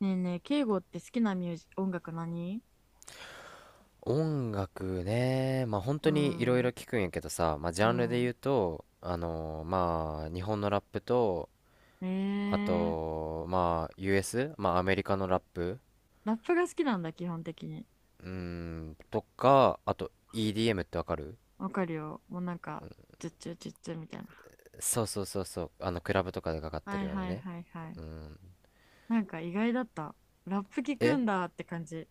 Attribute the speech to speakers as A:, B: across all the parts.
A: ねえねえ、敬語って好きなミュージ、音楽何？
B: 音楽ね、まあ本
A: う
B: 当にいろいろ
A: ん、
B: 聞くんやけどさ、まあジ
A: う
B: ャンルで言
A: ん。
B: うと、まあ日本のラップと、
A: え
B: あ
A: ー、
B: と、まあ US? まあアメリカのラップ。
A: ラップが好きなんだ、基本的に。
B: うーん、とか、あと EDM ってわかる？
A: わかるよ。もうなんか、チュッチュチュッチュみたいな。
B: そうそうそうそう、あのクラブとかでかかって
A: は
B: る
A: い
B: ような
A: はい
B: ね。
A: はいはい。
B: うん。
A: なんか意外だった。ラップ聞く
B: え、
A: んだって感じ。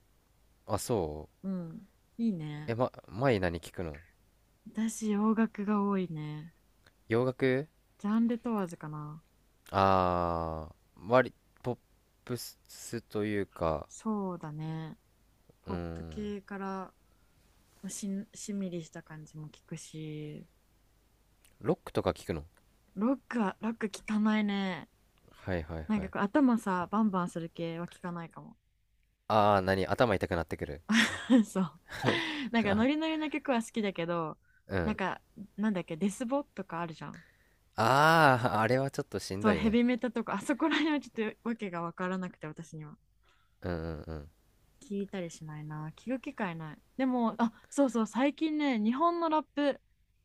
B: あ、そう。
A: うん。いいね。
B: え、ま、前何聞くの？
A: 私、洋楽が多いね。
B: 洋楽？
A: ジャンル問わずかな。
B: ああー、割、ポップスというか、
A: そうだね。
B: う
A: ポップ
B: ん、
A: 系からまあしんみりした感じも聞くし、
B: ロックとか聞くの？
A: ロック聞かないね。
B: はいはい
A: なん
B: は
A: か
B: い。
A: こう頭さバンバンする系は聞かないかも。
B: ああ、何頭痛くなってくる。
A: そう。なんかノリ ノリの曲は好きだけど。
B: う
A: なん
B: ん。
A: か、なんだっけ、デスボとかあるじゃん。
B: ああ、あれはちょっとしん
A: そ
B: ど
A: う、
B: い
A: ヘ
B: ね。
A: ビメタとかあそこら辺はちょっとわけが分からなくて、私には。
B: うんうんうん。
A: 聞いたりしないな、聞く機会ない。でも、あ、そうそう、最近ね、日本のラップ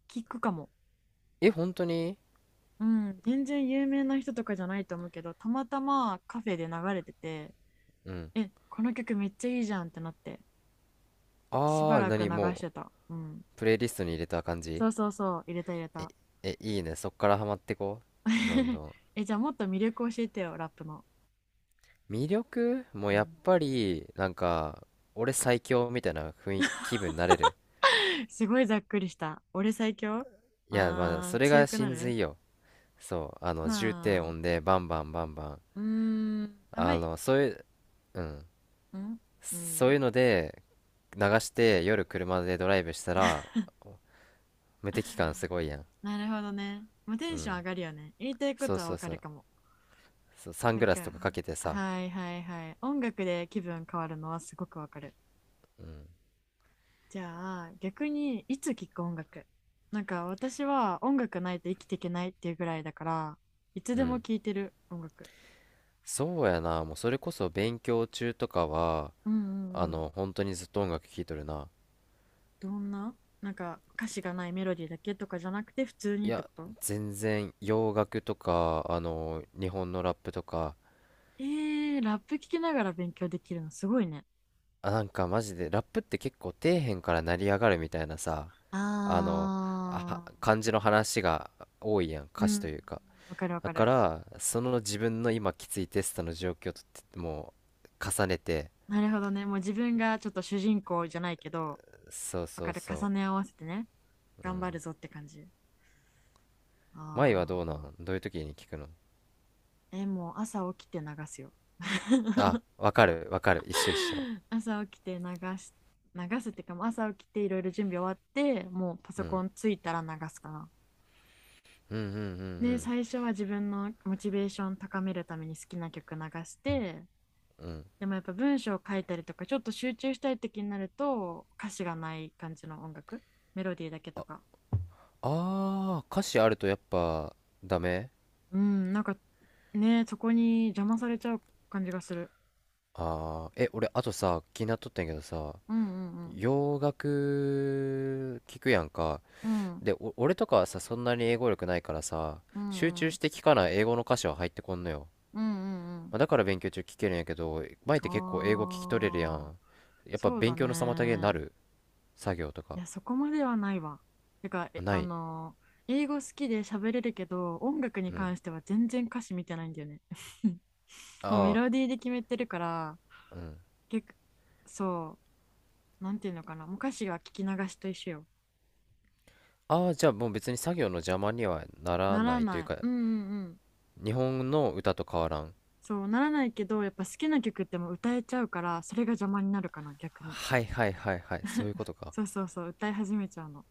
A: 聞くかも。
B: え、本当に？
A: うん、全然有名な人とかじゃないと思うけど、たまたまカフェで流れてて、
B: うん。
A: えこの曲めっちゃいいじゃんってなって、し
B: あ
A: ば
B: あ、
A: らく流
B: 何
A: し
B: も
A: てた。うん。
B: う、プレイリストに入れた感じ？
A: そうそうそう、入れた入れ
B: え、
A: た。
B: え、いいね。そっからハマってこう。どんど ん。
A: え、じゃあもっと魅力教えてよ、ラップの。
B: 魅力もう
A: う
B: やっ
A: ん。
B: ぱり、なんか、俺最強みたいな雰囲気、気分になれる。
A: すごいざっくりした。俺最強。
B: いや、まあ、それ
A: 強
B: が
A: くな
B: 真
A: る。
B: 髄よ。そう、
A: ま
B: 重低音
A: あ、
B: でバンバンバンバン。
A: あんまり、
B: そういう、うん。
A: うんう
B: そうい
A: ん。
B: うので、流して夜車でドライブしたら無敵感すごいやん。
A: なるほどね。まあ、テ
B: う
A: ンション
B: ん、
A: 上がるよね。言いたいこ
B: そう
A: とは
B: そ
A: わ
B: う
A: か
B: そ
A: る
B: う。
A: かも。
B: そうサン
A: なん
B: グラスと
A: か、
B: かかけてさ。
A: はいはいはい。音楽で気分変わるのはすごくわかる。
B: うん
A: じゃあ逆にいつ聴く音楽？なんか私は音楽ないと生きていけないっていうぐらいだから、いつ
B: う
A: でも
B: ん。
A: 聴いてる音楽。
B: そうやな、もうそれこそ勉強中とかは
A: うんうんうん。
B: 本当にずっと音楽聴いとるな。
A: どんな、なんか歌詞がないメロディーだけとかじゃなくて普通
B: い
A: にってこ
B: や、
A: と？
B: 全然洋楽とか日本のラップとか。
A: えー、ラップ聴きながら勉強できるのすごいね。
B: あ、なんかマジでラップって結構底辺から成り上がるみたいなさ、あのあ
A: あ、
B: は感じの話が多いやん、
A: ーう
B: 歌詞と
A: ん、
B: いうか。
A: わかるわ
B: だ
A: か
B: か
A: る。
B: らその自分の今きついテストの状況とっても、う重ねて。
A: なるほどね、もう自分がちょっと主人公じゃないけど、
B: そう
A: わ
B: そ
A: か
B: う
A: る、重
B: そ
A: ね合わせてね、
B: う。う
A: 頑張
B: ん、
A: るぞって感じ。
B: 舞はどうな
A: ああ。
B: ん？どういう時に聞くの？
A: え、もう朝起きて流すよ。
B: あ、わかるわかる、一緒一緒。
A: 朝起きてし、流すってか、もう朝起きていろいろ準備終わって、もうパソ
B: う
A: コ
B: ん、
A: ンついたら流すかな。
B: うんうんう
A: で、
B: ん
A: 最初は自分のモチベーション高めるために好きな曲流して、
B: うんうん。
A: でもやっぱ文章を書いたりとか、ちょっと集中したい時になると、歌詞がない感じの音楽、メロディーだけと
B: あ
A: か。
B: あー、歌詞あるとやっぱダメ。
A: うん、なんかね、そこに邪魔されちゃう感じがする。
B: あー、え、俺あとさ気になっとったんやけどさ、
A: うんうんうん。
B: 洋楽聞くやんか。
A: うん
B: で、俺とかはさ、そんなに英語力ないからさ、
A: う
B: 集
A: んう
B: 中し
A: ん。
B: て聞かない英語の歌詞は入ってこんのよ。
A: うんうんうん。
B: まあ、だから勉強中聞けるんやけど、前って結構英語聞き取れるや
A: ああ。
B: ん。やっぱ
A: そうだ
B: 勉強の妨げにな
A: ね。
B: る？作業と
A: い
B: か。
A: や、そこまではないわ。てか、え、
B: な
A: あ
B: い。
A: のー英語好きで喋れるけど、音楽に
B: うん。
A: 関しては全然歌詞見てないんだよね。もうメ
B: あ
A: ロディーで決めてるから、
B: あ、うん。
A: 結構、そう、なんていうのかな。もう歌詞が聞き流しと一緒よ。
B: ああ、じゃあもう別に作業の邪魔にはなら
A: な
B: な
A: ら
B: いという
A: ない。
B: か、
A: うんうんうん。
B: 日本の歌と変わらん。
A: そう、ならないけど、やっぱ好きな曲ってもう歌えちゃうから、それが邪魔になるかな、逆に。
B: はいはいはいはい。そういうことか。
A: そうそうそう、歌い始めちゃうの。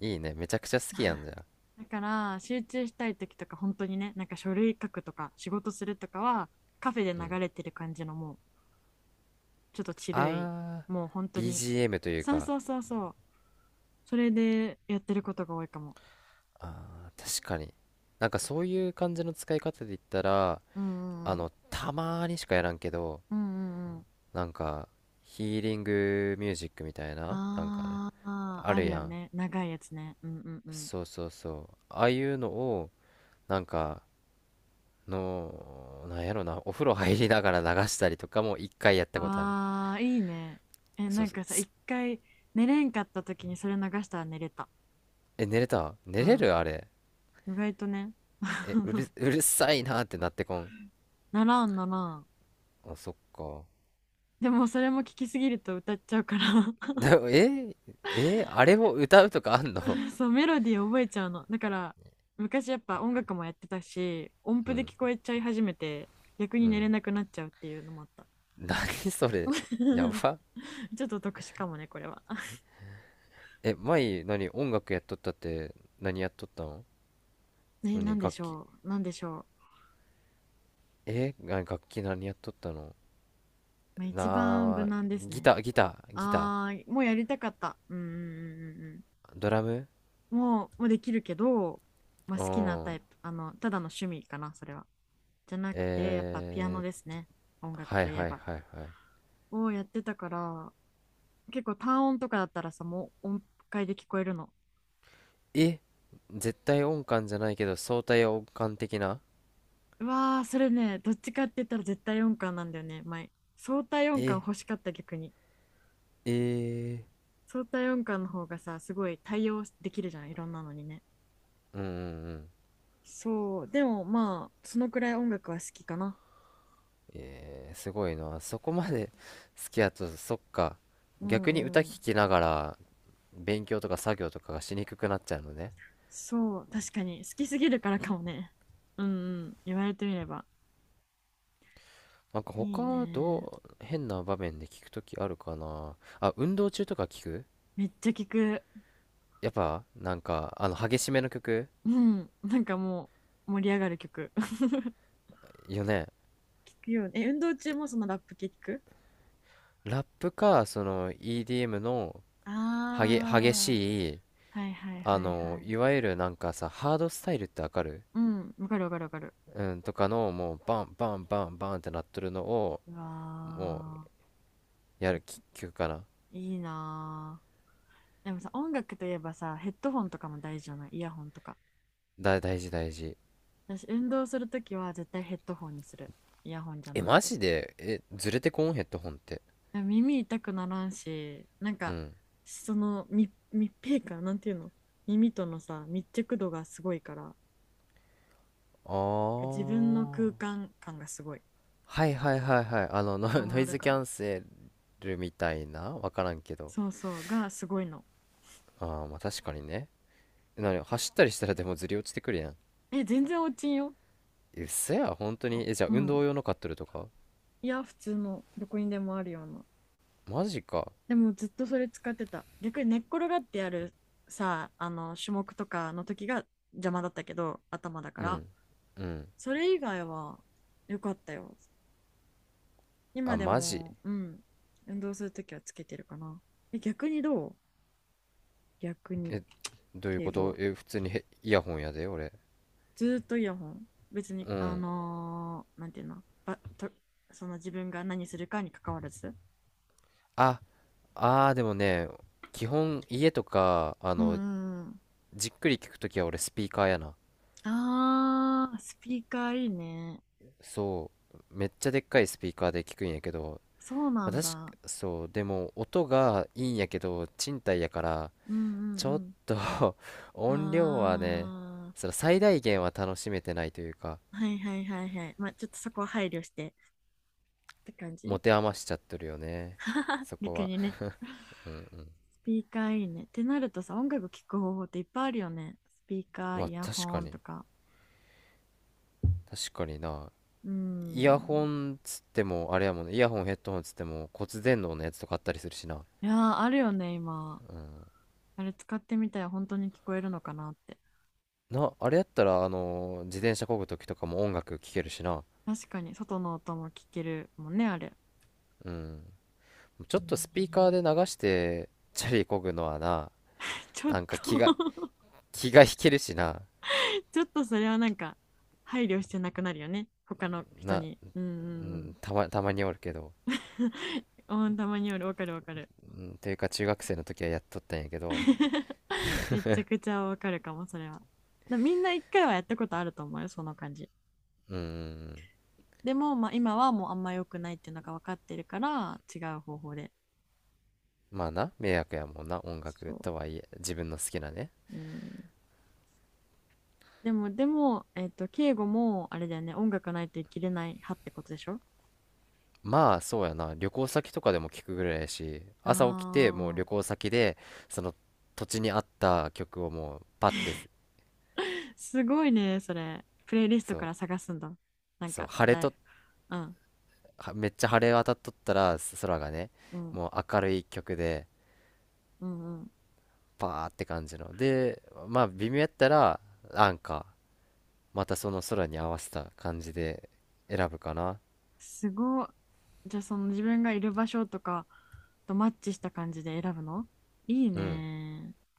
B: いいね。めちゃくちゃ好きやんじゃん。
A: だから集中したい時とか本当にね、なんか書類書くとか仕事するとかは、カフェで流れてる感じの、もうちょっとチルい、
B: ああ、
A: もう本当に、
B: BGM という
A: そう
B: か。
A: そうそうそう、それでやってることが多いかも。
B: ああ、確かに。なんかそういう感じの使い方で言ったら、
A: うんうん
B: たまーにしかやらんけど、
A: うんうんうん。
B: なんか、ヒーリングミュージックみたいな、なんかね、
A: ああー、
B: あ
A: あ
B: る
A: るよ
B: やん。
A: ね、長いやつね。うんうんうん。
B: そうそうそう。ああいうのを、なんか、なんやろな、お風呂入りながら流したりとかも一回やったことある。
A: ああー、いいね。え、
B: そ
A: な
B: う
A: ん
B: そう。
A: かさ、一回寝れんかった時にそれ流したら寝れた。
B: え、寝れた？
A: う
B: 寝れ
A: ん、
B: るあれ。
A: 意外とね。
B: え、うるさいなーってなってこん。
A: ならんならん。
B: あ、そっか。
A: でもそれも聞きすぎると歌っちゃうから。
B: でも、え、あれを歌うとかあんの？
A: そう、メロディー覚えちゃうのだから、昔やっぱ音楽もやってたし、音
B: う
A: 符で
B: ん、
A: 聞こえちゃい始めて、逆に
B: う
A: 寝れ
B: ん。
A: なくなっちゃうっていうのもあった。
B: 何それ。や ば。
A: ちょっと特殊かもねこれは。
B: え、前、何、音楽やっとったって、何やっとったの？
A: ね、なん
B: 何、
A: で
B: 楽
A: し
B: 器。
A: ょう、なんでしょ
B: 楽器何やっとったの？
A: う、まあ、一番
B: な
A: 無
B: あ、
A: 難です
B: ギ
A: ね。
B: ター、ギター、ギタ
A: あー、もうやりたかった。うんうんうんうん
B: ー、ドラム。
A: うん。もうできるけど、まあ、好
B: う
A: きなタイ
B: ん。
A: プ、あのただの趣味かなそれは。じゃなくて、やっぱピアノ
B: え
A: で
B: ー、
A: すね。音楽
B: は
A: と
B: い
A: いえ
B: はい
A: ば、
B: はいはい。
A: をやってたから、結構単音とかだったらさ、もう音階で聞こえるの。
B: え、絶対音感じゃないけど相対音感的な？
A: うわー、それね、どっちかって言ったら絶対音感なんだよね、前。相対音感
B: え、
A: 欲しかった、逆に。
B: え
A: 相対音感の方がさ、すごい対応できるじゃん、いろんなのにね。
B: ー、うんうんうん。
A: そう、でもまあそのくらい音楽は好きかな。
B: すごいな。そこまで好きやと、そっか。
A: う
B: 逆に
A: ん
B: 歌
A: うん。
B: 聴きながら勉強とか作業とかがしにくくなっちゃうのね。
A: そう、確かに好きすぎるからかもね。 うん、うん、言われてみれば。
B: なんか
A: いい
B: 他
A: ね、
B: どう、変な場面で聞くときあるかな。あ、運動中とか聞く？
A: めっちゃ聞く。
B: やっぱなんか激しめの曲
A: うん、なんかもう盛り上がる曲
B: よね。
A: 聞くよね。え、運動中もそのラップ系聞く？
B: ラップかその EDM の、
A: あ
B: 激しい、
A: あー、はいはいはいはい。
B: いわゆるなんかさ、ハードスタイルってわかる？
A: うん、わかるわかるわかる。
B: うんとかのもうバンバンバンバンってなっとるのを
A: う
B: もう
A: わー、
B: や
A: めっ
B: る
A: ちゃ
B: 曲かな。
A: いいなー。でもさ、音楽といえばさ、ヘッドホンとかも大事じゃない？イヤホンとか。
B: 大事大事。
A: 私、運動するときは絶対ヘッドホンにする。イヤホンじゃ
B: え、
A: なく
B: マ
A: て。
B: ジで、え、ずれてこんヘッドホンって？
A: でも耳痛くならんし、なん
B: う
A: か、
B: ん。
A: その密閉感、なんていうの、耳とのさ、密着度がすごいから、
B: あ
A: 自分の
B: ー、
A: 空間感がすごい。
B: はいはいはいはい。ノ、
A: 伝
B: ノ
A: わ
B: イ
A: る
B: ズ
A: か
B: キ
A: な。
B: ャンセルみたいな、わからんけど。
A: そうそう、がすごいの。
B: ああー、まあ確かにね。なに走ったりしたらでもずり落ちてくるやん。
A: え全然落ちんよ。
B: うっそ？や本当
A: あ、
B: に？え、じゃあ
A: う
B: 運動
A: ん。
B: 用の買っとるとか？
A: いや、普通のどこにでもあるような。
B: マジか。
A: でもずっとそれ使ってた。逆に寝っ転がってやるさ、あの種目とかの時が邪魔だったけど、頭だか
B: う
A: ら。
B: んうん。
A: それ以外は良かったよ、今
B: あ、
A: で
B: マジ？
A: も。うん、運動する時はつけてるかな。え、逆にどう？逆に、
B: え、どういうこ
A: 敬語
B: と？
A: は？
B: え、普通に、イヤホンやで俺。
A: ずーっとイヤホン？別に、
B: うん。
A: なんていうの、ばと、その自分が何するかに関わらず。
B: ああー、でもね、基本家とか
A: うんうんうん。
B: じっくり聞くときは俺スピーカーやな。
A: ああ、スピーカーいいね。
B: そう、めっちゃでっかいスピーカーで聞くんやけど、
A: そうなん
B: 私。
A: だ。
B: そうでも音がいいんやけど、賃貸やから
A: うんう
B: ちょっ
A: ん
B: と
A: う
B: 音量はね、
A: ん。あ
B: その最大限は楽しめてないというか、
A: あ、はいはいはいはい。まあ、ちょっとそこは配慮してって感
B: 持
A: じ。
B: て余しちゃってるよね。そこ
A: 逆
B: は。
A: にね。
B: うんうん。
A: スピーカーいいね。ってなるとさ、音楽聴く方法っていっぱいあるよね。スピーカー、
B: ま
A: イ
B: あ
A: ヤ
B: 確
A: ホ
B: か
A: ン
B: に、
A: とか。
B: 確かにな。
A: う
B: イヤホ
A: ん。
B: ンつっても、あれやもんね、イヤホンヘッドホンつっても骨伝導のやつとかあったりするしな。
A: いやー、あるよね、今。あれ使ってみたら本当に聞こえるのかなって。
B: な、あれやったら、自転車漕ぐ時とかも音楽聴けるしな。
A: 確かに、外の音も聞けるもんね、あれ。
B: うん。ち
A: い
B: ょっ
A: い
B: とスピーカー
A: ね。
B: で流して、チャリ漕ぐのはな、
A: ちょっ
B: なんか気が、
A: と、
B: 気が引けるしな。
A: それはなんか配慮してなくなるよね、他の人
B: な、
A: に。うんう
B: う
A: ん
B: ん、たまにおるけど。
A: うんうん。 たまによる、わかるわかる。
B: うん、というか中学生の時はやっとったんやけど、
A: めちゃくちゃわかるかもそれは。だ、みんな一回はやったことあると思うよ、その感じ。
B: うーん、
A: でも、まあ、今はもうあんま良くないっていうのが分かってるから、違う方法で。
B: まあな、迷惑やもんな、音楽
A: そ
B: とはいえ、自分の好きなね。
A: う、うん。でも敬語もあれだよね、音楽ないと生きれない派ってことでしょ。
B: まあそうやな、旅行先とかでも聞くぐらいやし、
A: あ
B: 朝起きてもう
A: ー、
B: 旅行先で、その土地に合った曲をもうパッて、
A: すごいね、それプレイリスト
B: そ
A: か
B: う、
A: ら探すんだ。なん
B: そう、
A: か
B: 晴れ
A: だい、
B: と、
A: うん
B: はめっちゃ晴れ渡っとったら、空がね、
A: うん
B: もう明るい曲で、
A: うんうん。
B: パーって感じの。で、まあ微妙やったら、なんか、またその空に合わせた感じで選ぶかな。
A: すごっ。じゃあその自分がいる場所とかとマッチした感じで選ぶの？いい
B: うん。
A: ね